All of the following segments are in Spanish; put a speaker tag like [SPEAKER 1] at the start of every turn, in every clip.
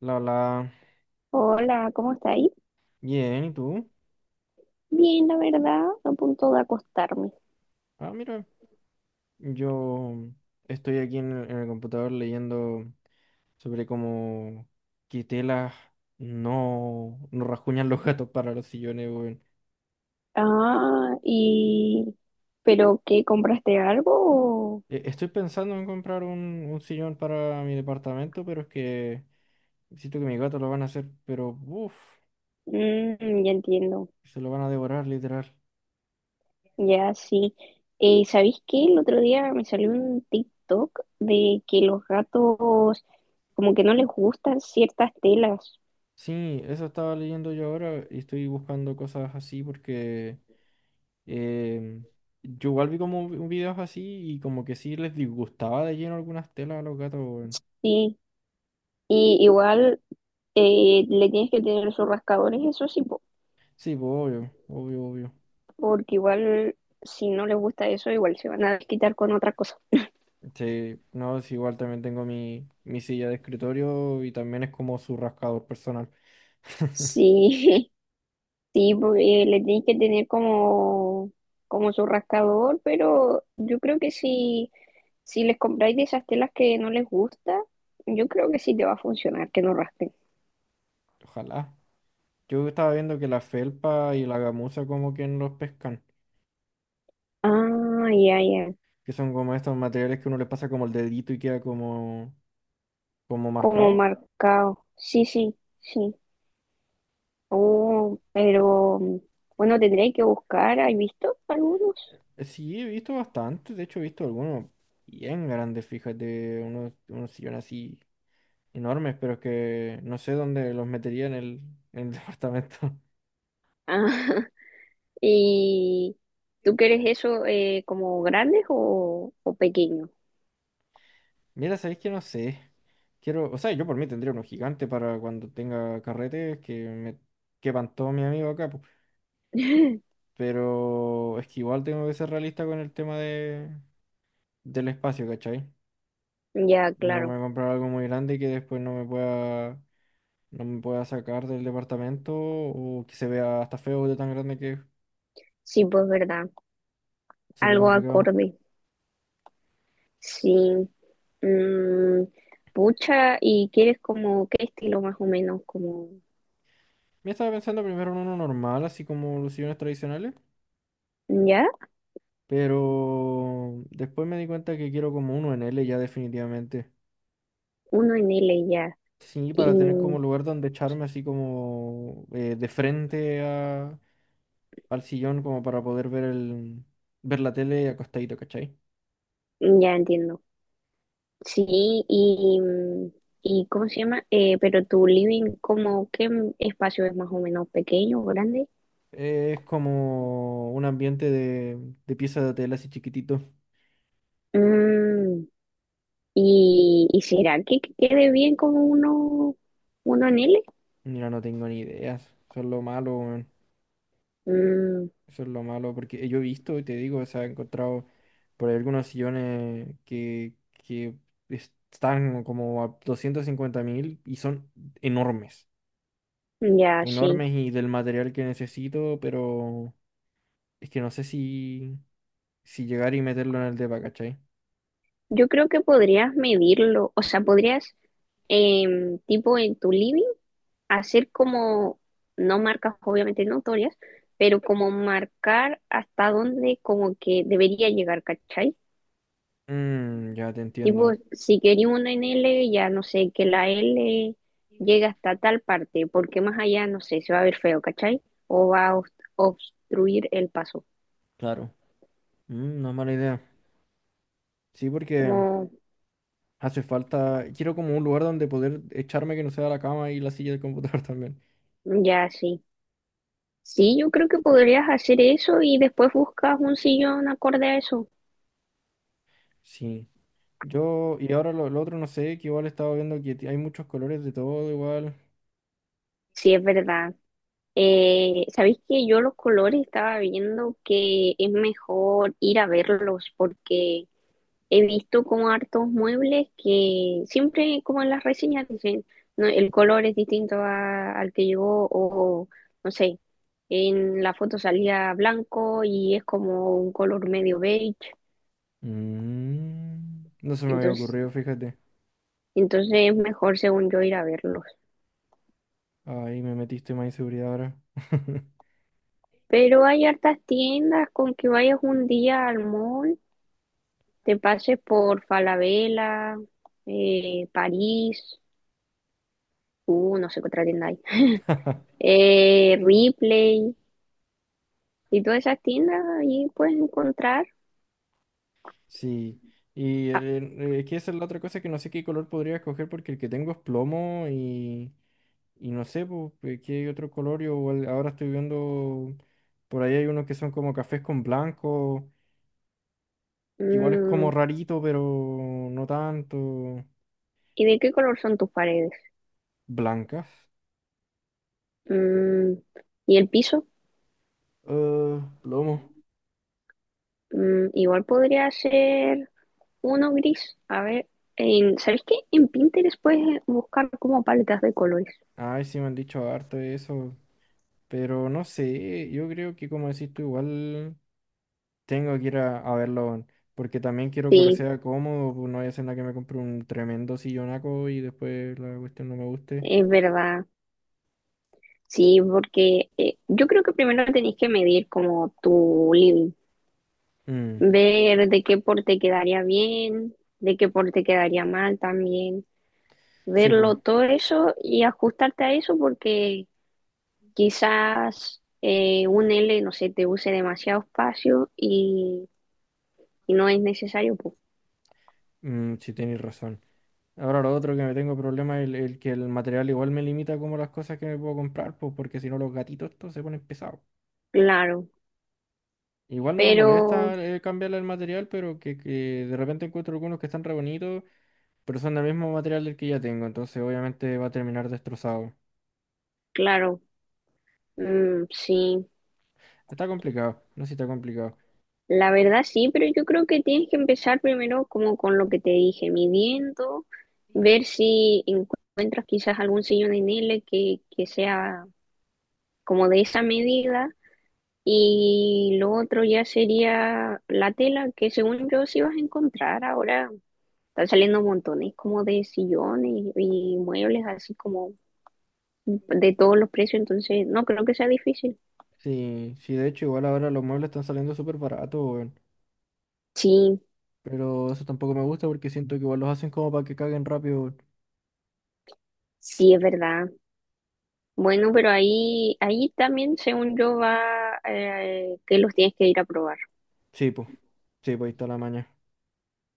[SPEAKER 1] La, la,
[SPEAKER 2] Hola, ¿cómo estáis?
[SPEAKER 1] Bien, ¿y tú?
[SPEAKER 2] Bien, la verdad, a punto de acostarme.
[SPEAKER 1] Ah, mira, yo estoy aquí en el computador leyendo sobre cómo que telas no rasguñan los gatos para los sillones, weón.
[SPEAKER 2] Ah, y... ¿Pero qué? ¿Compraste algo?
[SPEAKER 1] Estoy pensando en comprar un sillón para mi departamento, pero es que siento que mis gatos lo van a hacer, pero uff,
[SPEAKER 2] Mm, ya entiendo.
[SPEAKER 1] se lo van a devorar, literal.
[SPEAKER 2] Ya sí. ¿Sabéis qué? El otro día me salió un TikTok de que los gatos como que no les gustan ciertas telas.
[SPEAKER 1] Sí, eso estaba leyendo yo ahora y estoy buscando cosas así porque... eh yo igual vi como videos así y como que sí les disgustaba de lleno algunas telas a los gatos, weón.
[SPEAKER 2] Sí. Y igual le tienes que tener sus rascadores, eso sí,
[SPEAKER 1] Sí, pues obvio, obvio, obvio.
[SPEAKER 2] porque igual si no les gusta eso, igual se van a quitar con otra cosa.
[SPEAKER 1] Sí, no, es igual también tengo mi silla de escritorio y también es como su rascador personal.
[SPEAKER 2] Sí, sí, porque le tienes que tener como, como su rascador, pero yo creo que si les compráis de esas telas que no les gusta, yo creo que sí te va a funcionar, que no raspen.
[SPEAKER 1] Ojalá. Yo estaba viendo que la felpa y la gamuza como que no los pescan,
[SPEAKER 2] Ah, ya, ya,
[SPEAKER 1] que son como estos materiales que uno le pasa como el dedito y queda como, como
[SPEAKER 2] como
[SPEAKER 1] marcado.
[SPEAKER 2] marcado. Sí, sí, sí. Oh, pero bueno, tendréis que buscar, ¿has visto algunos?
[SPEAKER 1] Sí, he visto bastante, de hecho he visto algunos bien grandes, fíjate, unos sillones así enormes, pero es que no sé dónde los metería en el departamento.
[SPEAKER 2] Ah, ¿y tú quieres eso como grandes o pequeños?
[SPEAKER 1] Mira, sabéis que no sé. Quiero, o sea, yo por mí tendría uno gigante para cuando tenga carretes que todo mi amigo acá, po. Pero es que igual tengo que ser realista con el tema del espacio, ¿cachai?
[SPEAKER 2] Ya,
[SPEAKER 1] Y no me
[SPEAKER 2] claro.
[SPEAKER 1] voy a comprar algo muy grande que después no me pueda sacar del departamento o que se vea hasta feo de tan grande que es.
[SPEAKER 2] Sí, pues verdad.
[SPEAKER 1] Eso es lo
[SPEAKER 2] Algo
[SPEAKER 1] complicado.
[SPEAKER 2] acorde. Sí. Mm, pucha, ¿y quieres como qué estilo más o menos? Como,
[SPEAKER 1] Me estaba pensando primero en uno normal, así como los sillones tradicionales,
[SPEAKER 2] ¿ya?
[SPEAKER 1] pero después me di cuenta que quiero como uno en L ya definitivamente.
[SPEAKER 2] Uno en L, ya.
[SPEAKER 1] Sí,
[SPEAKER 2] Y
[SPEAKER 1] para tener como lugar donde echarme así como de frente al sillón como para poder ver la tele acostadito, ¿cachai?
[SPEAKER 2] ya entiendo. Sí, y, mm, y ¿cómo se llama? Pero tu living, ¿como qué espacio es más o menos, pequeño, grande?
[SPEAKER 1] Es como un ambiente de pieza de tela así chiquitito.
[SPEAKER 2] Mm, ¿Y será que quede bien como uno en L?
[SPEAKER 1] Mira, no tengo ni ideas. Eso es lo malo, weón.
[SPEAKER 2] Mm,
[SPEAKER 1] Eso es lo malo, porque yo he visto y te digo, o sea, he encontrado por ahí algunos sillones que están como a 250.000 y son enormes.
[SPEAKER 2] ya, sí.
[SPEAKER 1] Enormes y del material que necesito, pero es que no sé si llegar y meterlo en el depa, ¿cachai?
[SPEAKER 2] Yo creo que podrías medirlo, o sea, podrías tipo en tu living, hacer como, no marcas obviamente notorias, pero como marcar hasta dónde como que debería llegar, ¿cachai?
[SPEAKER 1] Mm, ya te
[SPEAKER 2] Tipo,
[SPEAKER 1] entiendo.
[SPEAKER 2] si quería una en L, ya no sé, que la L llegue hasta tal parte, porque más allá, no sé, se va a ver feo, ¿cachai? O va a obstruir el paso.
[SPEAKER 1] Claro. Mm, no es mala idea. Sí, porque
[SPEAKER 2] Como,
[SPEAKER 1] hace falta. Quiero como un lugar donde poder echarme que no sea la cama y la silla del computador también.
[SPEAKER 2] ya sí. Sí, yo creo que podrías hacer eso y después buscas un sillón acorde a eso.
[SPEAKER 1] Sí. Yo, y ahora lo otro no sé, que igual estaba viendo que hay muchos colores de todo igual.
[SPEAKER 2] Sí, es verdad. ¿Sabéis que yo los colores estaba viendo que es mejor ir a verlos? Porque he visto como hartos muebles que siempre como en las reseñas dicen, no, el color es distinto al que llegó, o no sé, en la foto salía blanco y es como un color medio beige.
[SPEAKER 1] Mm, no se me había
[SPEAKER 2] Entonces,
[SPEAKER 1] ocurrido, fíjate.
[SPEAKER 2] entonces es mejor, según yo, ir a verlos.
[SPEAKER 1] Ahí me metiste más inseguridad ahora.
[SPEAKER 2] Pero hay hartas tiendas, con que vayas un día al mall, te pases por Falabella, París, no sé qué otra tienda hay, Ripley, y todas esas tiendas ahí puedes encontrar.
[SPEAKER 1] Sí. Y
[SPEAKER 2] Ah,
[SPEAKER 1] el- eh, es que esa es la otra cosa que no sé qué color podría escoger porque el que tengo es plomo y no sé po, qué otro color. Yo igual ahora estoy viendo, por ahí hay unos que son como cafés con blanco, que igual es como
[SPEAKER 2] mm,
[SPEAKER 1] rarito, pero no tanto.
[SPEAKER 2] ¿y de qué color son tus paredes?
[SPEAKER 1] Blancas.
[SPEAKER 2] Mm, ¿y el piso?
[SPEAKER 1] Ah, plomo.
[SPEAKER 2] Mm, igual podría ser uno gris. A ver, en, ¿sabes qué? En Pinterest puedes buscar como paletas de colores.
[SPEAKER 1] Ay, sí me han dicho harto de eso, pero no sé, yo creo que como decís tú, igual tengo que ir a verlo, porque también quiero que
[SPEAKER 2] Sí,
[SPEAKER 1] sea cómodo, pues no vaya a ser nada que me compre un tremendo sillonaco y después la cuestión no me guste.
[SPEAKER 2] es verdad. Sí, porque yo creo que primero tenés que medir como tu living,
[SPEAKER 1] Mm,
[SPEAKER 2] ver de qué porte quedaría bien, de qué porte quedaría mal también,
[SPEAKER 1] sí, pues,
[SPEAKER 2] verlo todo eso y ajustarte a eso, porque quizás un L, no sé, te use demasiado espacio y no es necesario, pues
[SPEAKER 1] sí tenéis razón. Ahora lo otro que me tengo problema es el que el material igual me limita como las cosas que me puedo comprar, pues porque si no los gatitos estos se ponen pesados.
[SPEAKER 2] claro,
[SPEAKER 1] Igual no me
[SPEAKER 2] pero
[SPEAKER 1] molesta cambiarle el material, pero que de repente encuentro algunos que están re bonitos, pero son del mismo material del que ya tengo, entonces obviamente va a terminar destrozado.
[SPEAKER 2] claro, mm, sí.
[SPEAKER 1] Está complicado, no sé si está complicado.
[SPEAKER 2] La verdad sí, pero yo creo que tienes que empezar primero como con lo que te dije, midiendo, ver si encuentras quizás algún sillón en L que sea como de esa medida, y lo otro ya sería la tela, que según yo sí vas a encontrar ahora. Están saliendo montones como de sillones y muebles así como de todos los precios, entonces no creo que sea difícil.
[SPEAKER 1] Sí, sí, de hecho igual ahora los muebles están saliendo súper baratos, weón.
[SPEAKER 2] Sí,
[SPEAKER 1] Pero eso tampoco me gusta porque siento que igual los hacen como para que caguen rápido, weón.
[SPEAKER 2] sí es verdad. Bueno, pero ahí, ahí también, según yo, va que los tienes que ir a probar,
[SPEAKER 1] Sí, pues, sí, pues ahí está la maña.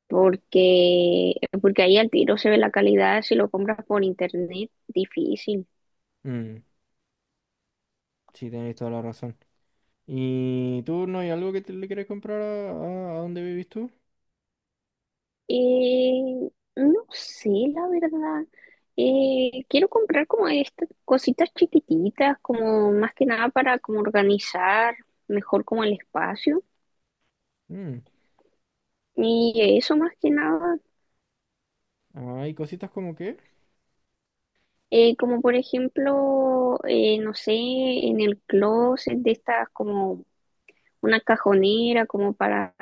[SPEAKER 2] porque, porque ahí al tiro se ve la calidad, si lo compras por internet, difícil.
[SPEAKER 1] Mm, sí, tenéis toda la razón. ¿Y tú no hay algo que te, le quieres comprar a donde vivís tú?
[SPEAKER 2] Eh, no sé, la verdad. Quiero comprar como estas cositas chiquititas, como más que nada para como organizar mejor como el espacio.
[SPEAKER 1] Mm,
[SPEAKER 2] Y eso más que nada,
[SPEAKER 1] ¿hay cositas como que?
[SPEAKER 2] como por ejemplo, no sé, en el closet, de estas como una cajonera como para,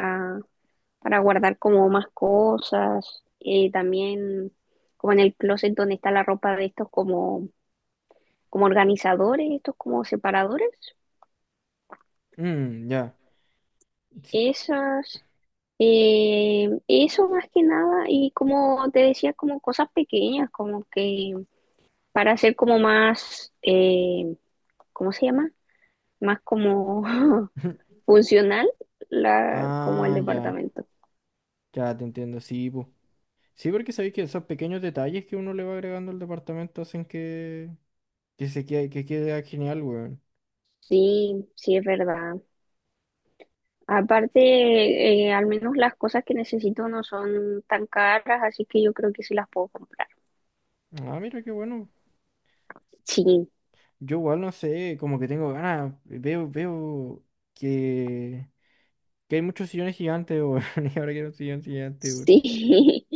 [SPEAKER 2] para guardar como más cosas, también como en el closet donde está la ropa, de estos como, como organizadores, estos como separadores,
[SPEAKER 1] Mm, ya. Sí.
[SPEAKER 2] esas, eso más que nada, y como te decía, como cosas pequeñas, como que para hacer como más, ¿cómo se llama? Más como funcional la, como el
[SPEAKER 1] Ah, ya,
[SPEAKER 2] departamento.
[SPEAKER 1] ya te entiendo, sí, pu. Sí, porque sabéis que esos pequeños detalles que uno le va agregando al departamento hacen que se quede, que quede genial, weón.
[SPEAKER 2] Sí, sí es verdad. Aparte, al menos las cosas que necesito no son tan caras, así que yo creo que sí las puedo comprar.
[SPEAKER 1] Ah, mira qué bueno.
[SPEAKER 2] Sí,
[SPEAKER 1] Yo igual no sé, como que tengo ganas, veo que, que hay muchos sillones gigantes, weón, y ahora quiero un sillón gigante, weón.
[SPEAKER 2] sí,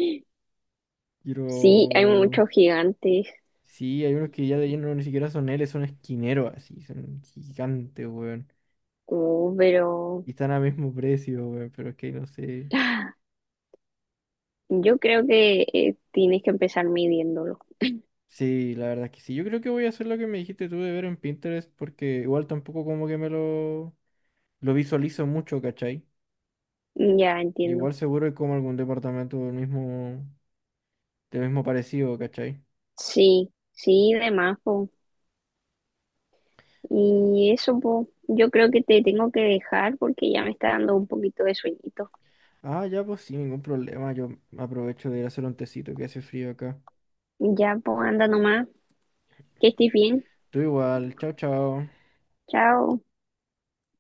[SPEAKER 2] sí, hay
[SPEAKER 1] Quiero...
[SPEAKER 2] muchos gigantes,
[SPEAKER 1] Sí, hay unos que ya de lleno no, ni siquiera son L, son esquineros así, son gigantes, weón.
[SPEAKER 2] oh, pero
[SPEAKER 1] Y están a mismo precio, weón, pero es que no sé.
[SPEAKER 2] yo creo que tienes que empezar midiéndolo.
[SPEAKER 1] Sí, la verdad es que sí. Yo creo que voy a hacer lo que me dijiste tú de ver en Pinterest, porque igual tampoco como que me lo visualizo mucho, ¿cachai?
[SPEAKER 2] Ya entiendo.
[SPEAKER 1] Igual seguro hay como algún departamento del mismo parecido, ¿cachai?
[SPEAKER 2] Sí, sí, de más, po. Y eso, po, yo creo que te tengo que dejar porque ya me está dando un poquito de sueñito.
[SPEAKER 1] Ah, ya pues sí, ningún problema. Yo aprovecho de ir a hacer un tecito que hace frío acá.
[SPEAKER 2] Ya, po, anda nomás, que estés bien.
[SPEAKER 1] Tú igual, chao, chao.
[SPEAKER 2] Chao.